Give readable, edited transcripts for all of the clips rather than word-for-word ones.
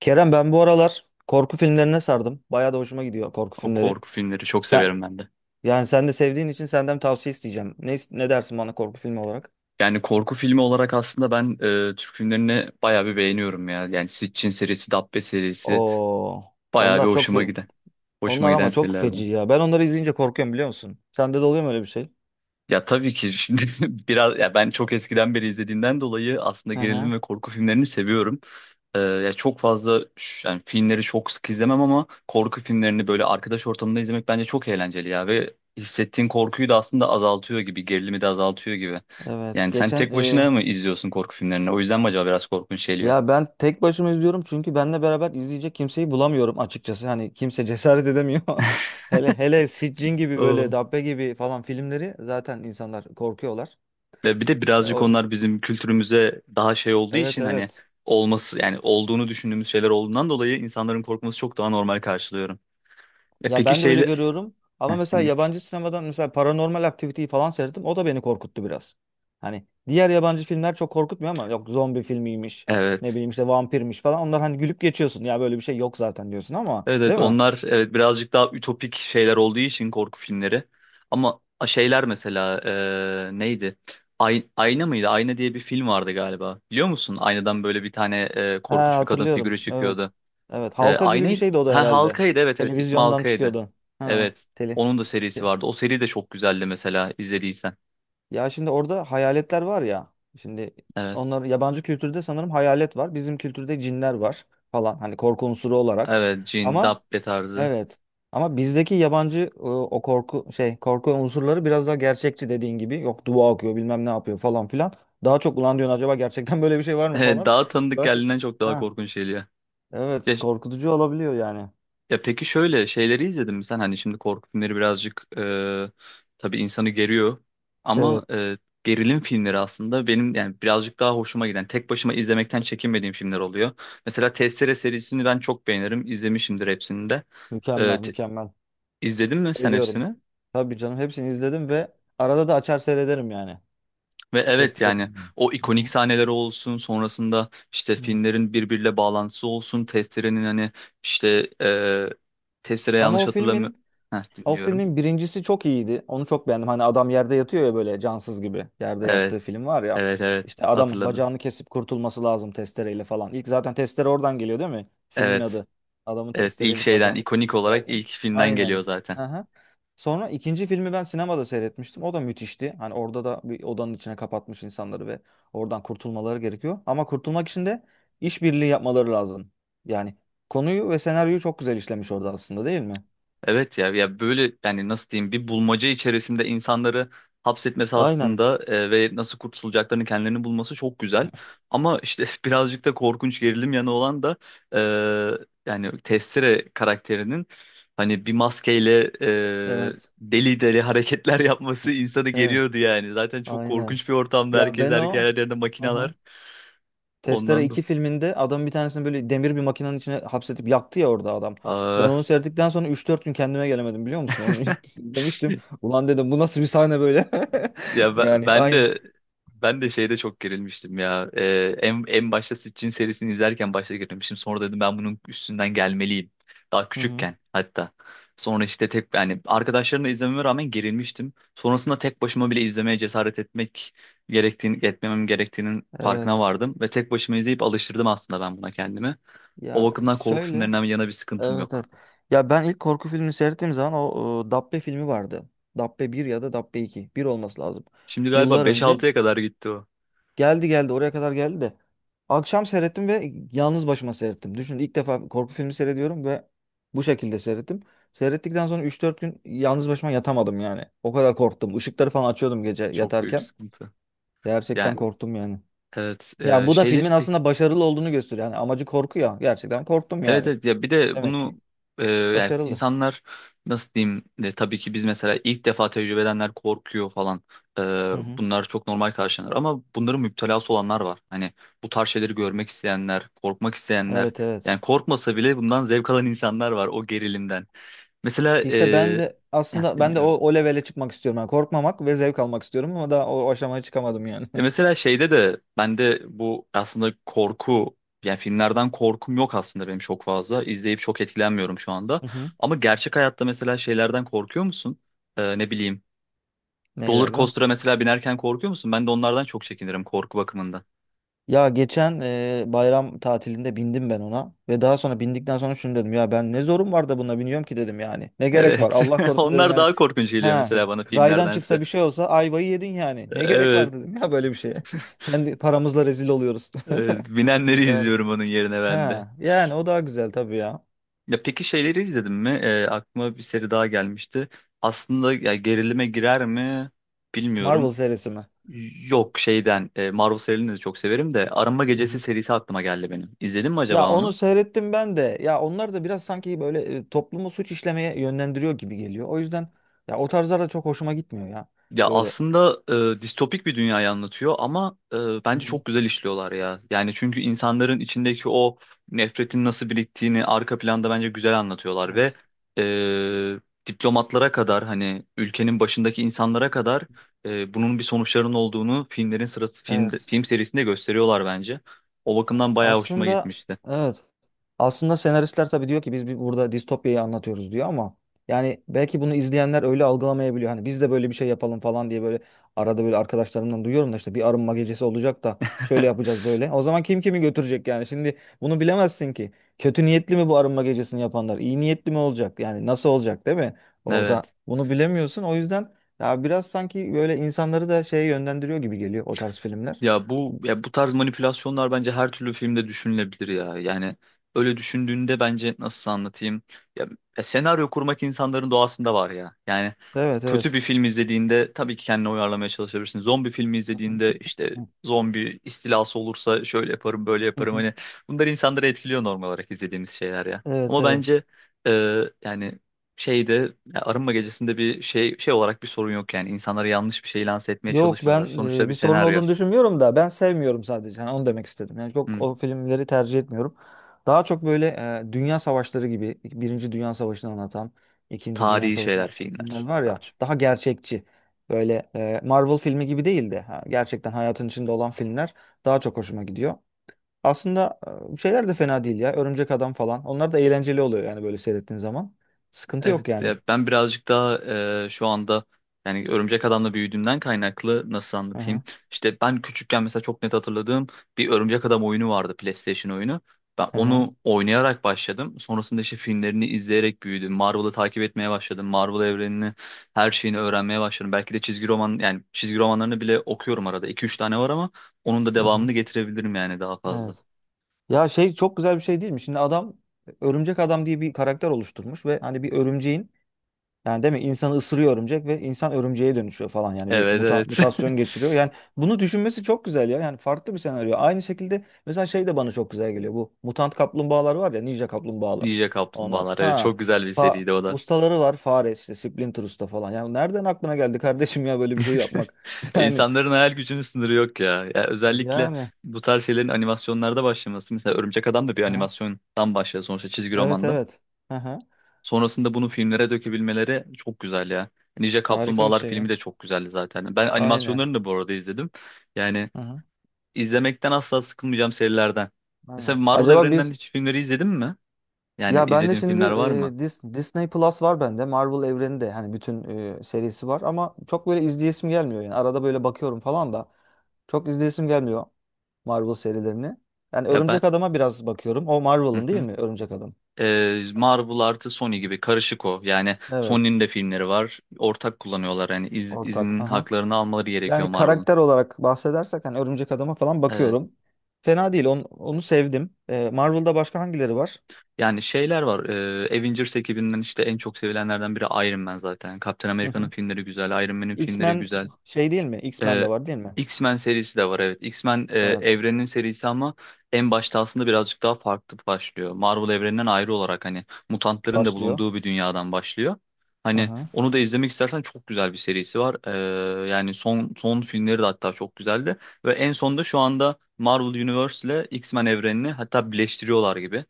Kerem ben bu aralar korku filmlerine sardım. Bayağı da hoşuma gidiyor korku O filmleri. korku filmleri çok severim Sen ben de. sen de sevdiğin için senden tavsiye isteyeceğim. Ne dersin bana korku filmi olarak? Yani korku filmi olarak aslında ben Türk filmlerini bayağı bir beğeniyorum ya. Yani Sitchin serisi, Dabbe serisi Oo, bayağı bir onlar çok hoşuma fe- giden. Hoşuma onlar giden ama çok feci serilerden. ya. Ben onları izleyince korkuyorum biliyor musun? Sende de oluyor mu öyle bir şey? Ya tabii ki şimdi biraz ya ben çok eskiden beri izlediğimden dolayı aslında Hı gerilim hı. ve korku filmlerini seviyorum. Ya çok fazla yani filmleri çok sık izlemem ama korku filmlerini böyle arkadaş ortamında izlemek bence çok eğlenceli ya ve hissettiğin korkuyu da aslında azaltıyor gibi, gerilimi de azaltıyor gibi. Evet. Yani sen tek başına mı izliyorsun korku filmlerini? O yüzden mi acaba biraz korkunç geliyor? Ya ben tek başıma izliyorum çünkü benle beraber izleyecek kimseyi bulamıyorum açıkçası. Hani kimse cesaret edemiyor. Hele hele Siccin gibi böyle Oo. Dabbe gibi falan filmleri zaten insanlar korkuyorlar. Ve bir de E, birazcık o, onlar bizim kültürümüze daha şey olduğu evet için hani evet. olması yani olduğunu düşündüğümüz şeyler olduğundan dolayı insanların korkması çok daha normal karşılıyorum. E Ya peki ben de öyle görüyorum. Ama mesela evet. yabancı sinemadan mesela Paranormal Activity'yi falan seyrettim. O da beni korkuttu biraz. Hani diğer yabancı filmler çok korkutmuyor ama yok zombi filmiymiş, ne Evet bileyim işte vampirmiş falan. Onlar hani gülüp geçiyorsun. Ya böyle bir şey yok zaten diyorsun ama evet değil mi? onlar evet birazcık daha ütopik şeyler olduğu için korku filmleri. Ama şeyler mesela neydi? Ay, Ayna mıydı? Ayna diye bir film vardı galiba. Biliyor musun? Aynadan böyle bir tane Ha, korkunç bir kadın hatırlıyorum. figürü Evet. çıkıyordu. Evet. Halka gibi bir Aynayı şeydi o da ha herhalde. Halkaydı, evet evet ismi Televizyondan Halkaydı. çıkıyordu. Ha, Evet. tele. Onun da serisi te- vardı. O seri de çok güzeldi mesela izlediysen. Ya şimdi orada hayaletler var ya. Şimdi Evet. onlar yabancı kültürde sanırım hayalet var. Bizim kültürde cinler var falan. Hani korku unsuru olarak. Evet Cin, Ama Dabbe tarzı. Evet. Ama bizdeki yabancı o korku şey korku unsurları biraz daha gerçekçi dediğin gibi. Yok dua okuyor bilmem ne yapıyor falan filan. Daha çok ulan diyorsun acaba gerçekten böyle bir şey var mı Evet, falan. daha tanıdık Daha çok... geldiğinden çok daha Ha, korkunç geliyor. evet Ya, korkutucu olabiliyor yani. Ya peki şöyle şeyleri izledin mi sen? Hani şimdi korku filmleri birazcık tabii insanı geriyor ama Evet. Gerilim filmleri aslında benim yani birazcık daha hoşuma giden, tek başıma izlemekten çekinmediğim filmler oluyor. Mesela Testere serisini ben çok beğenirim, izlemişimdir hepsini de. Mükemmel E, te- mükemmel. izledin mi sen Biliyorum. hepsini? Tabii canım hepsini izledim ve arada da açar seyrederim yani. Ve Test evet yani filmi. o Hı ikonik hı. sahneleri olsun, sonrasında işte Evet. filmlerin birbiriyle bağlantısı olsun, Testere'nin hani işte Testere Ama yanlış o hatırlamıyorum. filmin Heh, O filmin dinliyorum. birincisi çok iyiydi. Onu çok beğendim. Hani adam yerde yatıyor ya böyle cansız gibi. Yerde Evet. yattığı film var ya. Evet evet İşte adam hatırladım. bacağını kesip kurtulması lazım testereyle falan. İlk zaten testere oradan geliyor değil mi? Filmin Evet. adı. Adamın Evet ilk testereyle şeyden bacağını ikonik kesmesi olarak lazım. ilk filmden geliyor Aynen. zaten. Aha. Sonra ikinci filmi ben sinemada seyretmiştim. O da müthişti. Hani orada da bir odanın içine kapatmış insanları ve oradan kurtulmaları gerekiyor. Ama kurtulmak için de işbirliği yapmaları lazım. Yani konuyu ve senaryoyu çok güzel işlemiş orada aslında değil mi? Evet ya ya böyle yani nasıl diyeyim bir bulmaca içerisinde insanları hapsetmesi Aynen. aslında ve nasıl kurtulacaklarını kendilerini bulması çok güzel. Ama işte birazcık da korkunç gerilim yanı olan da yani Tessere karakterinin hani bir maskeyle Evet. deli deli hareketler yapması insanı Evet. geriyordu yani. Zaten çok Aynen. korkunç bir ortamda Ya herkes ben her o yerlerinde makineler Aha. Testere ondan da. iki filminde adam bir tanesini böyle demir bir makinenin içine hapsetip yaktı ya orada adam. Ben Aa. onu seyrettikten sonra üç dört gün kendime gelemedim biliyor musun? Onu demiştim. Ulan dedim bu nasıl bir sahne böyle? Ya ben, Yani ben aynı. de ben de şeyde çok gerilmiştim ya. En başta Sitchin serisini izlerken başta gerilmiştim. Sonra dedim ben bunun üstünden gelmeliyim. Daha Hı hı. küçükken hatta. Sonra işte tek yani arkadaşlarımla izlememe rağmen gerilmiştim. Sonrasında tek başıma bile izlemeye cesaret etmek gerektiğini etmemem gerektiğinin farkına Evet. vardım ve tek başıma izleyip alıştırdım aslında ben buna kendimi. O Ya bakımdan korku şöyle. filmlerinden yana bir sıkıntım Evet evet. yok. Ya ben ilk korku filmini seyrettiğim zaman o Dabbe filmi vardı. Dabbe bir ya da Dabbe iki bir olması lazım. Şimdi galiba Yıllar beş önce. altıya kadar gitti o. Geldi geldi oraya kadar geldi de. Akşam seyrettim ve yalnız başıma seyrettim. Düşün ilk defa korku filmi seyrediyorum ve bu şekilde seyrettim. Seyrettikten sonra üç dört gün yalnız başıma yatamadım yani. O kadar korktum. Işıkları falan açıyordum gece Çok büyük yatarken. sıkıntı. Gerçekten Yani korktum yani. evet, Ya bu da şeyleri filmin pek. aslında başarılı olduğunu gösteriyor. Yani amacı korku ya. Gerçekten korktum Evet yani. evet ya bir de Demek ki bunu yani başarılı. insanlar nasıl diyeyim tabii ki biz mesela ilk defa tecrübe edenler korkuyor falan. E, Hı hı. Bunlar çok normal karşılanır ama bunların müptelası olanlar var. Hani bu tarz şeyleri görmek isteyenler, korkmak isteyenler Evet evet. yani korkmasa bile bundan zevk alan insanlar var o gerilimden. Mesela İşte ben de ya, aslında ben de o, dinliyorum. o levele çıkmak istiyorum. Yani korkmamak ve zevk almak istiyorum ama daha o aşamaya çıkamadım yani. E mesela şeyde de bende bu aslında korku yani filmlerden korkum yok aslında benim çok fazla. İzleyip çok etkilenmiyorum şu anda. Hı hı. Ama gerçek hayatta mesela şeylerden korkuyor musun? Ne bileyim. Roller Neylerden? coaster'a mesela binerken korkuyor musun? Ben de onlardan çok çekinirim korku bakımından. Bayram tatilinde bindim ben ona ve daha sonra bindikten sonra şunu dedim ya ben ne zorum var da buna biniyorum ki dedim yani. Ne gerek var Evet. Allah korusun dedim Onlar yani. daha korkunç geliyor Ha mesela bana raydan çıksa filmlerdense. bir şey olsa ayvayı yedin yani. Ne gerek Evet. var dedim ya böyle bir şeye. Kendi paramızla rezil oluyoruz. Evet. Binenleri Yani. izliyorum onun yerine ben de. Ha yani o daha güzel tabii ya. Ya peki şeyleri izledin mi? Aklıma bir seri daha gelmişti. Aslında ya gerilime girer mi Marvel bilmiyorum. serisi mi? Yok şeyden Marvel serilerini de çok severim de Arınma Hı Gecesi hı. serisi aklıma geldi benim. İzledin mi Ya acaba onu? onu seyrettim ben de. Ya onlar da biraz sanki böyle toplumu suç işlemeye yönlendiriyor gibi geliyor. O yüzden ya o tarzlar da çok hoşuma gitmiyor ya. Ya Böyle. aslında distopik bir dünyayı anlatıyor ama bence çok güzel işliyorlar ya. Yani çünkü insanların içindeki o nefretin nasıl biriktiğini arka planda bence güzel anlatıyorlar ve Evet. e, diplomatlara kadar hani ülkenin başındaki insanlara kadar bunun bir sonuçlarının olduğunu filmlerin sırası film Evet. film serisinde gösteriyorlar bence. O bakımdan bayağı hoşuma Aslında gitmişti. evet. Aslında senaristler tabii diyor ki biz bir burada distopyayı anlatıyoruz diyor ama yani belki bunu izleyenler öyle algılamayabiliyor. Hani biz de böyle bir şey yapalım falan diye böyle arada böyle arkadaşlarımdan duyuyorum da işte bir arınma gecesi olacak da şöyle yapacağız böyle. O zaman kim kimi götürecek yani? Şimdi bunu bilemezsin ki. Kötü niyetli mi bu arınma gecesini yapanlar? İyi niyetli mi olacak? Yani nasıl olacak değil mi? Evet. Orada bunu bilemiyorsun. O yüzden ya biraz sanki böyle insanları da şeye yönlendiriyor gibi geliyor o tarz filmler. Ya bu tarz manipülasyonlar bence her türlü filmde düşünülebilir ya. Yani öyle düşündüğünde bence nasıl anlatayım? Ya, ya senaryo kurmak insanların doğasında var ya. Yani Evet kötü evet. bir film izlediğinde tabii ki kendini uyarlamaya çalışabilirsin. Zombi filmi izlediğinde işte Hı zombi istilası olursa şöyle yaparım, böyle yaparım. hı. Hani bunlar insanları etkiliyor normal olarak izlediğimiz şeyler ya. Evet Ama evet. bence e, yani şeyde ya Arınma Gecesi'nde bir şey şey olarak bir sorun yok yani. İnsanlara yanlış bir şey lanse etmeye Yok çalışmıyorlar. ben Sonuçta bir bir sorun senaryo. olduğunu düşünmüyorum da ben sevmiyorum sadece. Yani onu demek istedim. Yani çok Hı. o filmleri tercih etmiyorum. Daha çok böyle dünya savaşları gibi Birinci Dünya Savaşı'nı anlatan, İkinci Dünya Tarihi Savaşı'nı şeyler, anlatan filmler filmler var daha ya çok. daha gerçekçi. Böyle Marvel filmi gibi değil de ha, gerçekten hayatın içinde olan filmler daha çok hoşuma gidiyor. Aslında şeyler de fena değil ya. Örümcek Adam falan. Onlar da eğlenceli oluyor yani böyle seyrettiğin zaman. Sıkıntı Evet, yok yani. ya ben birazcık daha şu anda yani Örümcek Adam'la büyüdüğümden kaynaklı nasıl Hı anlatayım? hı. İşte ben küçükken mesela çok net hatırladığım bir Örümcek Adam oyunu vardı, PlayStation oyunu. Ben Hı hı. onu oynayarak başladım. Sonrasında işte filmlerini izleyerek büyüdüm. Marvel'ı takip etmeye başladım. Marvel evrenini, her şeyini öğrenmeye başladım. Belki de çizgi roman yani çizgi romanlarını bile okuyorum arada. 2 üç tane var ama onun da Hı hı. devamını getirebilirim yani daha fazla. Evet. Ya şey çok güzel bir şey değil mi? Şimdi adam örümcek adam diye bir karakter oluşturmuş ve hani bir örümceğin yani değil mi insanı ısırıyor örümcek ve insan örümceğe dönüşüyor falan yani bir Evet, evet. mutasyon geçiriyor. Yani bunu düşünmesi çok güzel ya. Yani farklı bir senaryo. Aynı şekilde mesela şey de bana çok güzel geliyor. Bu mutant kaplumbağalar var ya ninja kaplumbağalar. Ninja Ona Kaplumbağalar. Evet, ha çok güzel bir fa seriydi o da. ustaları var fare işte Splinter Usta falan. Yani nereden aklına geldi kardeşim ya böyle bir şey yapmak? Yani İnsanların hayal gücünün sınırı yok ya. Ya özellikle yani bu tarz şeylerin animasyonlarda başlaması. Mesela Örümcek Adam da bir ha, animasyondan başlıyor sonuçta çizgi evet romandan. evet. Hı hı. Sonrasında bunu filmlere dökebilmeleri çok güzel ya. Ninja Harika bir Kaplumbağalar şey filmi ya. de çok güzeldi zaten. Ben Aynen. animasyonlarını da bu arada izledim. Yani Hı hı. izlemekten asla sıkılmayacağım serilerden. Mesela Aynen. Marvel Acaba evreninden biz hiç filmleri izledin mi? Yani ya ben de izlediğin şimdi filmler var mı? Disney Plus var bende. Marvel evreni de hani bütün serisi var ama çok böyle izleyesim gelmiyor yani. Arada böyle bakıyorum falan da çok izleyesim gelmiyor Marvel serilerini. Yani Ya ben... Örümcek Adam'a biraz bakıyorum. O Marvel'ın değil mi Örümcek Adam? Marvel artı Sony gibi karışık o. Yani Evet. Sony'nin de filmleri var. Ortak kullanıyorlar. Yani Ortak. Hı izin hı. haklarını almaları gerekiyor Yani Marvel'ın. karakter olarak bahsedersek hani Örümcek Adam'a falan Evet. bakıyorum. Fena değil. Onu, onu sevdim. Marvel'da başka hangileri var? Yani şeyler var. Avengers ekibinden işte en çok sevilenlerden biri Iron Man zaten. Captain Hı America'nın hı. filmleri güzel. Iron Man'in filmleri X-Men güzel. şey değil mi? X-Men de Ee, var değil mi? X-Men serisi de var evet. X-Men Evet. evrenin serisi ama en başta aslında birazcık daha farklı başlıyor. Marvel evreninden ayrı olarak hani mutantların da Başlıyor. bulunduğu bir dünyadan başlıyor. Hı Hani hı. onu da izlemek istersen çok güzel bir serisi var. Yani son son filmleri de hatta çok güzeldi. Ve en sonunda şu anda Marvel Universe ile X-Men evrenini hatta birleştiriyorlar gibi.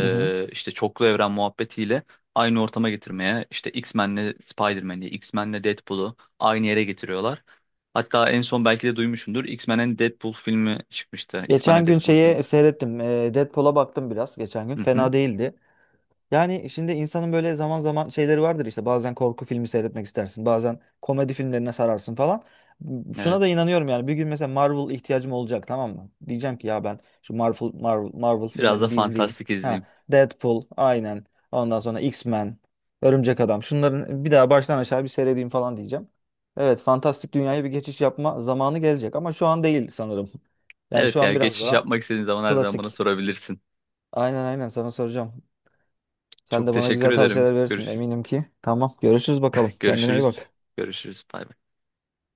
Hı hı. İşte çoklu evren muhabbetiyle aynı ortama getirmeye işte X-Men'le Spider-Man'i, X-Men'le Deadpool'u aynı yere getiriyorlar. Hatta en son belki de duymuşsundur. X-Men'in Deadpool filmi çıkmıştı. X-Men'e Geçen gün Deadpool filmi. şeye seyrettim. Deadpool'a baktım biraz geçen gün. Hı hı. Fena değildi. Yani şimdi insanın böyle zaman zaman şeyleri vardır işte bazen korku filmi seyretmek istersin bazen komedi filmlerine sararsın falan. Şuna Evet. da inanıyorum yani bir gün mesela Marvel ihtiyacım olacak tamam mı? Diyeceğim ki ya ben şu Marvel, Marvel, Marvel Biraz da filmlerini bir izleyeyim. fantastik Ha, izleyeyim. Deadpool aynen ondan sonra X-Men, Örümcek Adam şunların bir daha baştan aşağı bir seyredeyim falan diyeceğim. Evet fantastik dünyaya bir geçiş yapma zamanı gelecek ama şu an değil sanırım. Yani Evet şu ya an biraz geçiş daha yapmak istediğin zaman her zaman bana klasik. sorabilirsin. Aynen aynen sana soracağım. Sen Çok de bana teşekkür güzel ederim. tavsiyeler verirsin Görüşürüz. eminim ki. Tamam görüşürüz bakalım. Kendine iyi Görüşürüz. bak. Görüşürüz. Bay bay.